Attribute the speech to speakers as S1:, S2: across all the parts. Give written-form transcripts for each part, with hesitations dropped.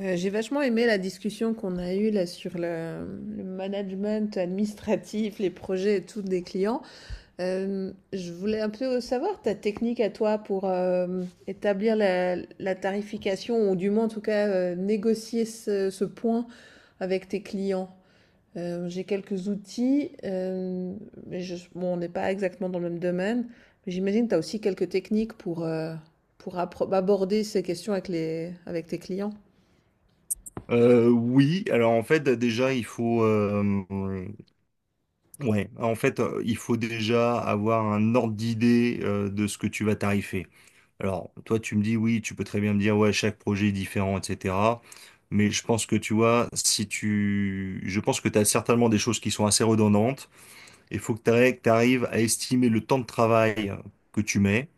S1: J'ai vachement aimé la discussion qu'on a eue là sur le management administratif, les projets et tout des clients. Je voulais un peu savoir ta technique à toi pour établir la tarification ou du moins en tout cas négocier ce point avec tes clients. J'ai quelques outils, mais bon, on n'est pas exactement dans le même domaine. Mais j'imagine que tu as aussi quelques techniques pour aborder ces questions avec avec tes clients.
S2: Oui, alors en fait déjà il faut, ouais, en fait, il faut déjà avoir un ordre d'idée de ce que tu vas tarifer. Alors, toi tu me dis oui, tu peux très bien me dire ouais chaque projet est différent, etc. Mais je pense que tu vois, si tu je pense que tu as certainement des choses qui sont assez redondantes. Il faut que tu arrives à estimer le temps de travail que tu mets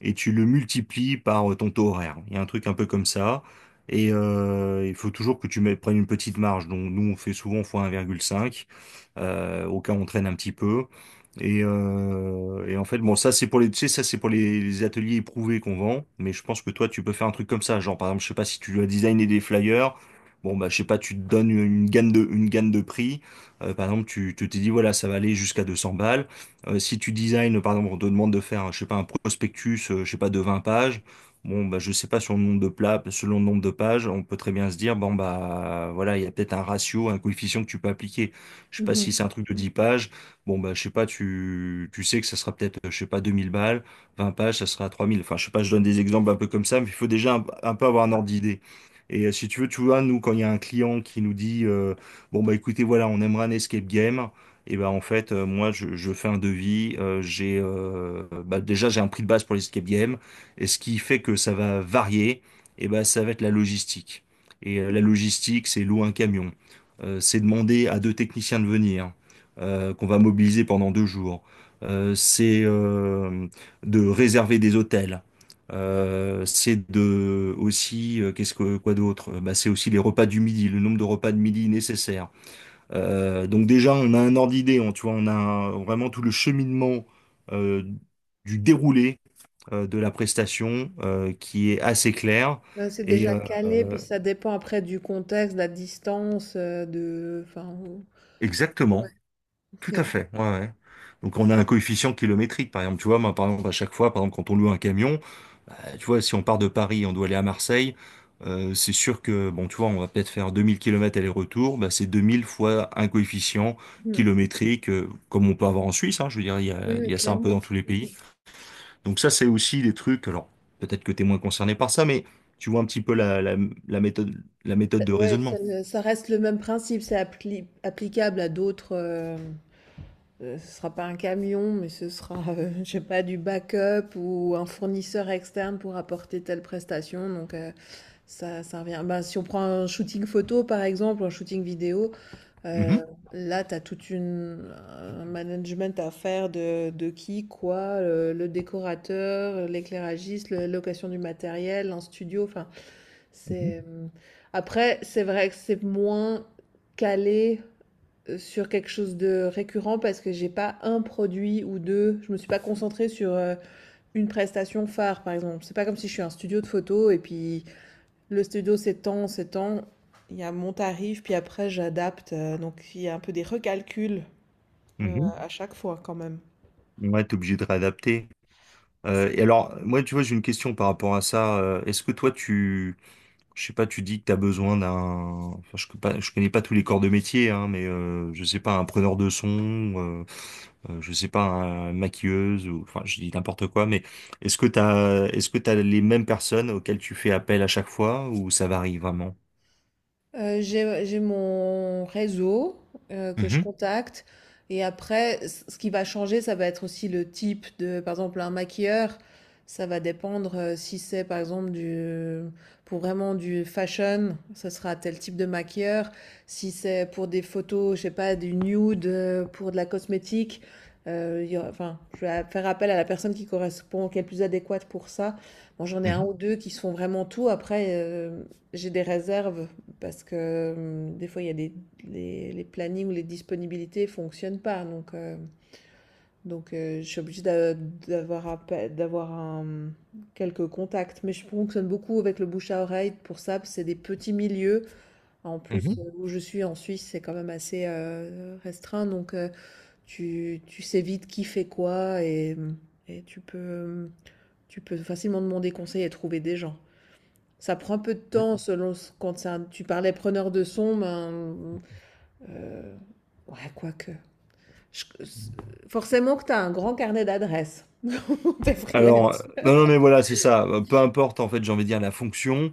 S2: et tu le multiplies par ton taux horaire. Il y a un truc un peu comme ça. Il faut toujours que tu prennes une petite marge. Donc nous, on fait souvent fois 1,5, au cas où on traîne un petit peu. Et en fait, bon, ça c'est pour les, tu sais, ça c'est pour les ateliers éprouvés qu'on vend. Mais je pense que toi, tu peux faire un truc comme ça. Genre, par exemple, je sais pas si tu dois designer des flyers. Bon, bah, je sais pas, tu te donnes une une gamme de prix. Par exemple, tu t'es dit, voilà, ça va aller jusqu'à 200 balles. Si tu design, par exemple, on te demande de faire, je sais pas, un prospectus, je sais pas, de 20 pages, bon, bah, je sais pas, sur le nombre de plats, selon le nombre de pages, on peut très bien se dire, bon, bah, voilà, il y a peut-être un ratio, un coefficient que tu peux appliquer. Je sais pas si c'est un truc de 10 pages, bon, bah, je sais pas, tu sais que ça sera peut-être, je sais pas, 2000 balles, 20 pages, ça sera 3000. Enfin, je sais pas, je donne des exemples un peu comme ça, mais il faut déjà un peu avoir un ordre d'idée. Si tu veux, tu vois, nous, quand il y a un client qui nous dit, bon, bah, écoutez, voilà, on aimerait un escape game. Et ben en fait, moi, je fais un devis. J'ai, bah, déjà j'ai un prix de base pour les escape games. Et ce qui fait que ça va varier, et ben ça va être la logistique. La logistique, c'est louer un camion. C'est demander à deux techniciens de venir, qu'on va mobiliser pendant 2 jours. C'est, de réserver des hôtels. C'est de aussi, qu'est-ce que quoi d'autre? Bah, c'est aussi les repas du midi, le nombre de repas de midi nécessaires. Donc déjà, on a un ordre d'idée, tu vois, vraiment tout le cheminement, euh, du déroulé, de la prestation, qui est assez clair.
S1: Ouais, c'est
S2: Et
S1: déjà
S2: euh,
S1: calé,
S2: euh,
S1: puis ça dépend après du contexte, de la distance, enfin, ouais,
S2: Exactement, tout
S1: ok.
S2: à fait. Ouais, ouais. Donc on a un coefficient kilométrique, par exemple. Tu vois, moi, par exemple, à chaque fois, par exemple, quand on loue un camion, tu vois, si on part de Paris, on doit aller à Marseille. C'est sûr que, bon, tu vois, on va peut-être faire 2000 kilomètres aller-retour, bah, c'est 2000 fois un coefficient
S1: Hmm.
S2: kilométrique, comme on peut avoir en Suisse, hein, je veux dire, il y a,
S1: Oui,
S2: il
S1: oui,
S2: y a ça un peu dans
S1: clairement.
S2: tous les pays. Donc ça, c'est aussi des trucs, alors peut-être que tu es moins concerné par ça, mais tu vois un petit peu la méthode, la méthode de
S1: Ouais, ça,
S2: raisonnement.
S1: ça reste le même principe, c'est applicable à d'autres... ce sera pas un camion, mais ce sera, je sais pas, du backup ou un fournisseur externe pour apporter telle prestation. Donc, ça, ça revient. Ben, si on prend un shooting photo, par exemple, un shooting vidéo, Euh,
S2: Mhm,
S1: là, tu as toute une un management à faire de qui, quoi, le décorateur, l'éclairagiste, la location du matériel, un studio. Enfin,
S2: mhm,
S1: c'est après, c'est vrai que c'est moins calé sur quelque chose de récurrent parce que j'ai pas un produit ou deux. Je me suis pas concentrée sur une prestation phare, par exemple. C'est pas comme si je suis un studio de photo et puis le studio s'étend, s'étend. Il y a mon tarif, puis après j'adapte. Donc il y a un peu des recalculs à chaque fois quand même.
S2: mhm. Ouais, t'es obligé de réadapter. Et alors, moi, tu vois, j'ai une question par rapport à ça. Est-ce que je sais pas, tu dis que tu as besoin d'un... Enfin, je connais pas tous les corps de métier, hein, mais je sais pas, un preneur de son, euh, je sais pas, un une maquilleuse, ou... enfin, je dis n'importe quoi, mais est-ce que t'as les mêmes personnes auxquelles tu fais appel à chaque fois, ou ça varie vraiment?
S1: J'ai mon réseau que je
S2: Mhm,
S1: contacte. Et après, ce qui va changer, ça va être aussi le type de, par exemple, un maquilleur. Ça va dépendre si c'est, par exemple, pour vraiment du fashion, ça sera tel type de maquilleur. Si c'est pour des photos, je sais pas, du nude, pour de la cosmétique, il y enfin, je vais faire appel à la personne qui correspond, qui est le plus adéquate pour ça. Bon, j'en ai un
S2: mhm,
S1: ou deux qui se font vraiment tout. Après, j'ai des réserves parce que des fois, il y a des, les plannings ou les disponibilités ne fonctionnent pas. Donc, je suis obligée d'avoir d'avoir quelques contacts. Mais je fonctionne beaucoup avec le bouche à oreille pour ça, parce que c'est des petits milieux. En
S2: mhm,
S1: plus, où je suis en Suisse, c'est quand même assez restreint. Donc, tu sais vite qui fait quoi et tu peux facilement demander conseil et trouver des gens. Ça prend un peu de
S2: mhm.
S1: temps selon quand c'est tu parlais preneur de son, euh, ouais, quoique. Je- euh, Forcément que tu as un grand carnet d'adresses pour tes
S2: Alors,
S1: freelances.
S2: non, non, mais voilà, c'est ça. Peu importe, en fait, j'ai envie de dire la fonction.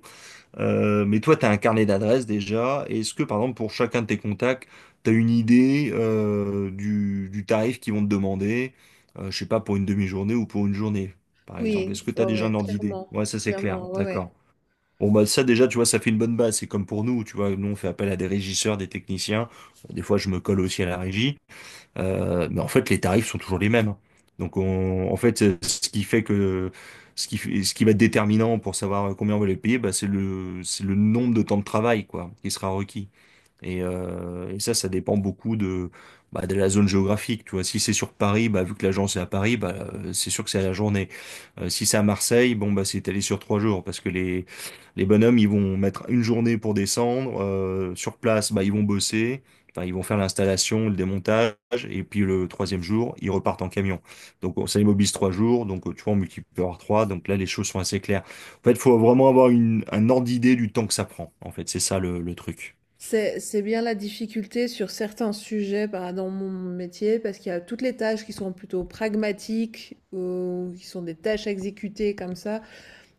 S2: Mais toi, tu as un carnet d'adresses déjà. Est-ce que, par exemple, pour chacun de tes contacts, tu as une idée, du tarif qu'ils vont te demander, je sais pas, pour une demi-journée ou pour une journée, par exemple?
S1: Oui,
S2: Est-ce que tu
S1: ouais,
S2: as déjà un
S1: ouais,
S2: ordre d'idée?
S1: clairement.
S2: Ouais, ça c'est clair,
S1: Clairement, ouais,
S2: d'accord.
S1: ouais.
S2: Bon, bah ça déjà, tu vois, ça fait une bonne base. C'est comme pour nous, tu vois, nous on fait appel à des régisseurs, des techniciens. Bon, des fois, je me colle aussi à la régie. Mais en fait, les tarifs sont toujours les mêmes. Donc, en fait, ce qui fait que ce qui, fait- ce qui va être déterminant pour savoir combien on va les payer, bah, c'est le nombre de temps de travail, quoi, qui sera requis. Et ça, ça dépend beaucoup bah, de la zone géographique. Tu vois, si c'est sur Paris, bah, vu que l'agence est à Paris, bah, c'est sûr que c'est à la journée. Si c'est à Marseille, bon, bah, c'est étalé sur 3 jours parce que les bonhommes, ils vont mettre une journée pour descendre. Sur place, bah, ils vont bosser. Enfin, ils vont faire l'installation, le démontage, et puis le troisième jour, ils repartent en camion. Donc ça immobilise 3 jours, donc, tu vois, on multiplie par trois, donc là les choses sont assez claires. En fait, il faut vraiment avoir un ordre d'idée du temps que ça prend. En fait, c'est ça le truc.
S1: C'est bien la difficulté sur certains sujets bah, dans mon métier, parce qu'il y a toutes les tâches qui sont plutôt pragmatiques, ou qui sont des tâches à exécuter comme ça.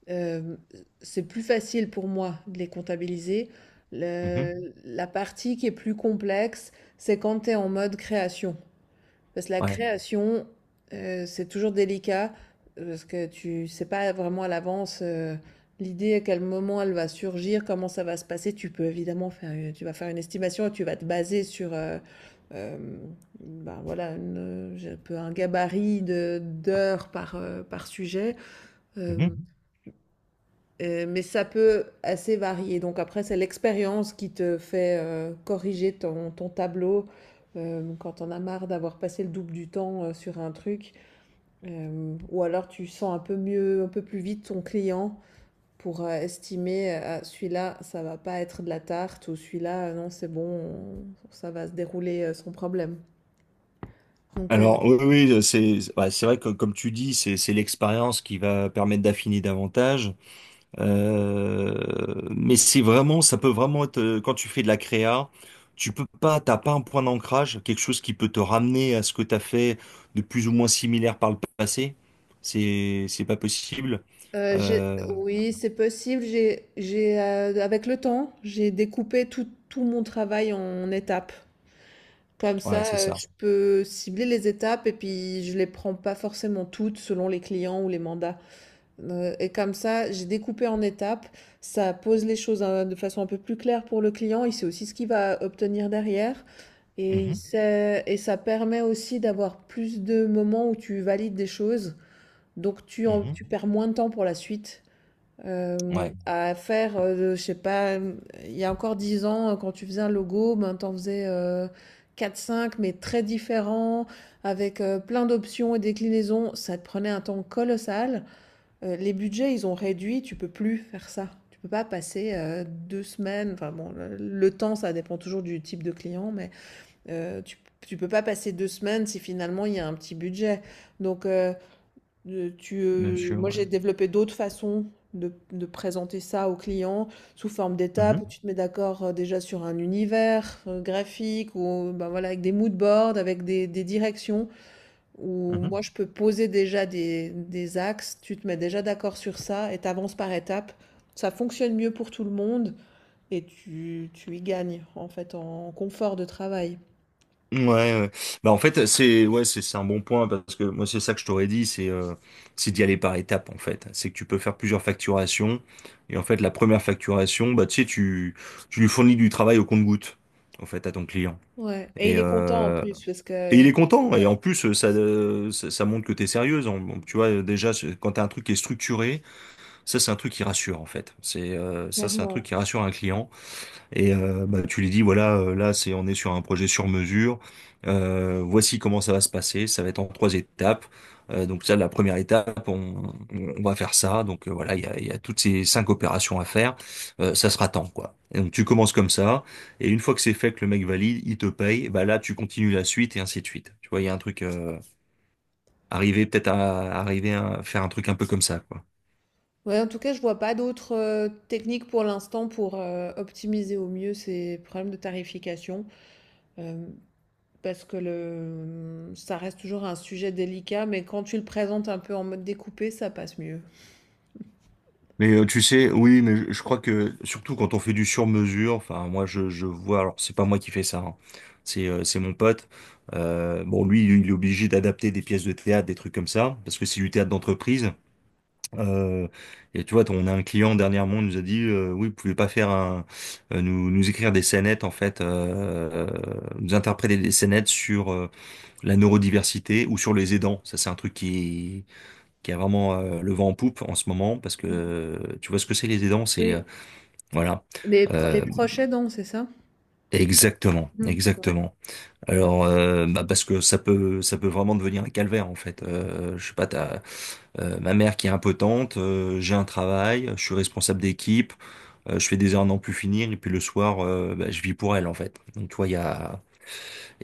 S1: Euh, c'est plus facile pour moi de les comptabiliser. La partie qui est plus complexe, c'est quand tu es en mode création. Parce que la
S2: Ouais.
S1: création, c'est toujours délicat, parce que tu sais pas vraiment à l'avance l'idée, à quel moment elle va surgir, comment ça va se passer. Tu peux évidemment faire tu vas faire une estimation et tu vas te baser sur euh, ben voilà, j'ai un peu un gabarit de d'heures par, par sujet.
S2: Mhm.
S1: Euh, mais ça peut assez varier. Donc après, c'est l'expérience qui te fait, corriger ton ton tableau, quand tu en as marre d'avoir passé le double du temps, sur un truc. Ou alors tu sens un peu mieux, un peu plus vite ton client pour, estimer, «Ah celui-là, ça va pas être de la tarte» ou «celui-là, non, c'est bon, on ça va se dérouler, sans problème». Donc
S2: Alors, oui, oui, c'est vrai que, comme tu dis, c'est l'expérience qui va permettre d'affiner davantage. Mais c'est vraiment, ça peut vraiment être, quand tu fais de la créa, tu peux pas, t'as pas un point d'ancrage, quelque chose qui peut te ramener à ce que t'as fait de plus ou moins similaire par le passé. C'est pas possible.
S1: j'ai
S2: Euh,
S1: Oui, c'est possible. Avec le temps, j'ai découpé tout mon travail en étapes. Comme
S2: ouais,
S1: ça,
S2: c'est ça.
S1: je peux cibler les étapes et puis je les prends pas forcément toutes selon les clients ou les mandats. Et comme ça, j'ai découpé en étapes. Ça pose les choses hein, de façon un peu plus claire pour le client. Il sait aussi ce qu'il va obtenir derrière.
S2: Mhm.
S1: Et ça permet aussi d'avoir plus de moments où tu valides des choses. Donc
S2: Mhm.
S1: tu perds moins de temps pour la suite
S2: Ouais,
S1: à faire, je sais pas, il y a encore 10 ans, quand tu faisais un logo, ben, t'en faisais 4-5, mais très différents, avec plein d'options et déclinaisons. Ça te prenait un temps colossal. Les budgets, ils ont réduit, tu peux plus faire ça. Tu peux pas passer 2 semaines, enfin bon, le temps, ça dépend toujours du type de client, mais euh, tu, tu peux pas passer 2 semaines si finalement il y a un petit budget. Donc, euh,
S2: bien sûr,
S1: Moi,
S2: ouais.
S1: j'ai développé d'autres façons de présenter ça aux clients sous forme d'étapes
S2: Mhm.
S1: où tu te mets d'accord, déjà sur un univers, graphique ou bah, voilà, avec des mood boards, avec des directions où
S2: Mhm.
S1: moi, je peux poser déjà des axes, tu te mets déjà d'accord sur ça et tu avances par étapes. Ça fonctionne mieux pour tout le monde et tu y gagnes, en fait, en confort de travail.
S2: Ouais, ouais. Bah en fait, c'est un bon point parce que moi c'est ça que je t'aurais dit, c'est d'y aller par étapes, en fait, c'est que tu peux faire plusieurs facturations, et en fait la première facturation, bah tu sais, tu lui fournis du travail au compte-goutte, en fait, à ton client.
S1: Ouais, et
S2: et
S1: il est content en
S2: euh,
S1: plus parce
S2: et
S1: que
S2: il est content, et
S1: ouais,
S2: en plus ça, ça montre que t'es sérieuse. Tu vois déjà, quand t'as un truc qui est structuré, ça c'est un truc qui rassure, en fait, c'est ça c'est un truc
S1: clairement.
S2: qui rassure un client. Bah, tu lui dis, voilà, là, on est sur un projet sur mesure. Voici comment ça va se passer. Ça va être en trois étapes. Donc ça, la première étape, on va faire ça. Donc, voilà, il y a toutes ces cinq opérations à faire. Ça sera temps, quoi. Et donc tu commences comme ça. Et une fois que c'est fait, que le mec valide, il te paye. Bah là, tu continues la suite et ainsi de suite. Tu vois, il y a un truc, arriver peut-être à arriver à faire un truc un peu comme ça, quoi.
S1: Ouais, en tout cas, je vois pas d'autres techniques pour l'instant pour optimiser au mieux ces problèmes de tarification, euh, parce que le, ça reste toujours un sujet délicat, mais quand tu le présentes un peu en mode découpé, ça passe mieux.
S2: Tu sais, oui, mais je crois que surtout quand on fait du sur-mesure, enfin moi je vois, alors c'est pas moi qui fais ça, hein. C'est mon pote. Bon, lui il est obligé d'adapter des pièces de théâtre, des trucs comme ça, parce que c'est du théâtre d'entreprise. Euh, et tu vois, on a un client dernièrement, il nous a dit, oui, vous pouvez pas faire nous, nous écrire des scénettes, en fait, nous interpréter des scénettes sur, la neurodiversité ou sur les aidants. Ça, c'est un truc qui a vraiment, le vent en poupe en ce moment, parce que, tu vois ce que c'est les aidants, c'est
S1: Oui,
S2: voilà.
S1: les
S2: Euh,
S1: proches aidants, c'est ça?
S2: Exactement,
S1: Mhm. Ouais.
S2: exactement. Bah, parce que ça peut vraiment devenir un calvaire, en fait. Je sais pas, t'as ma mère qui est impotente, j'ai un travail, je suis responsable d'équipe, je fais des heures à n'en plus finir, et puis le soir, bah, je vis pour elle en fait. Donc tu vois, il y a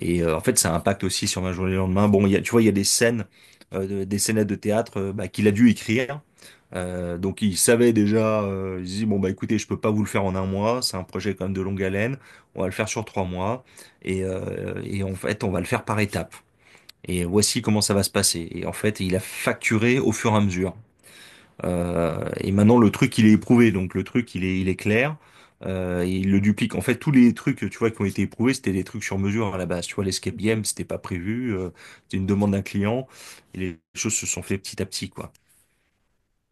S2: et en fait ça impacte aussi sur ma journée le lendemain. Bon, tu vois, il y a des scènes, des scénettes de théâtre, bah, qu'il a dû écrire. Donc il savait déjà, il se dit bon bah écoutez, je peux pas vous le faire en un mois, c'est un projet quand même de longue haleine, on va le faire sur 3 mois et en fait on va le faire par étapes. Et voici comment ça va se passer. Et en fait, il a facturé au fur et à mesure. Et maintenant, le truc, il est éprouvé. Donc, le truc, il est clair. Et il le duplique. En fait, tous les trucs, tu vois, qui ont été éprouvés, c'était des trucs sur mesure, hein, à la base. Tu vois, l'escape
S1: Mhm.
S2: game, c'était pas prévu. C'était une demande d'un client. Et les choses se sont fait petit à petit, quoi.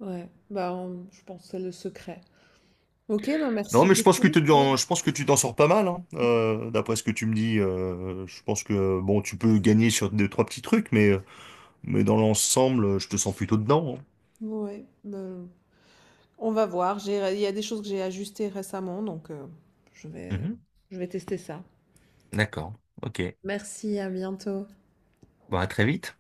S1: Ouais, bah, je pense que c'est le secret. Ok, bah
S2: Non,
S1: merci
S2: mais
S1: beaucoup. Ouais.
S2: je pense que tu t'en sors pas mal, hein. D'après ce que tu me dis. Je pense que, bon, tu peux gagner sur deux, trois petits trucs, mais dans l'ensemble, je te sens plutôt dedans.
S1: Ouais, bah, on va voir. Il y a des choses que j'ai ajustées récemment, donc je
S2: Hein.
S1: vais,
S2: Mhm.
S1: je vais tester ça.
S2: D'accord. Ok.
S1: Merci, à bientôt.
S2: Bon, à très vite.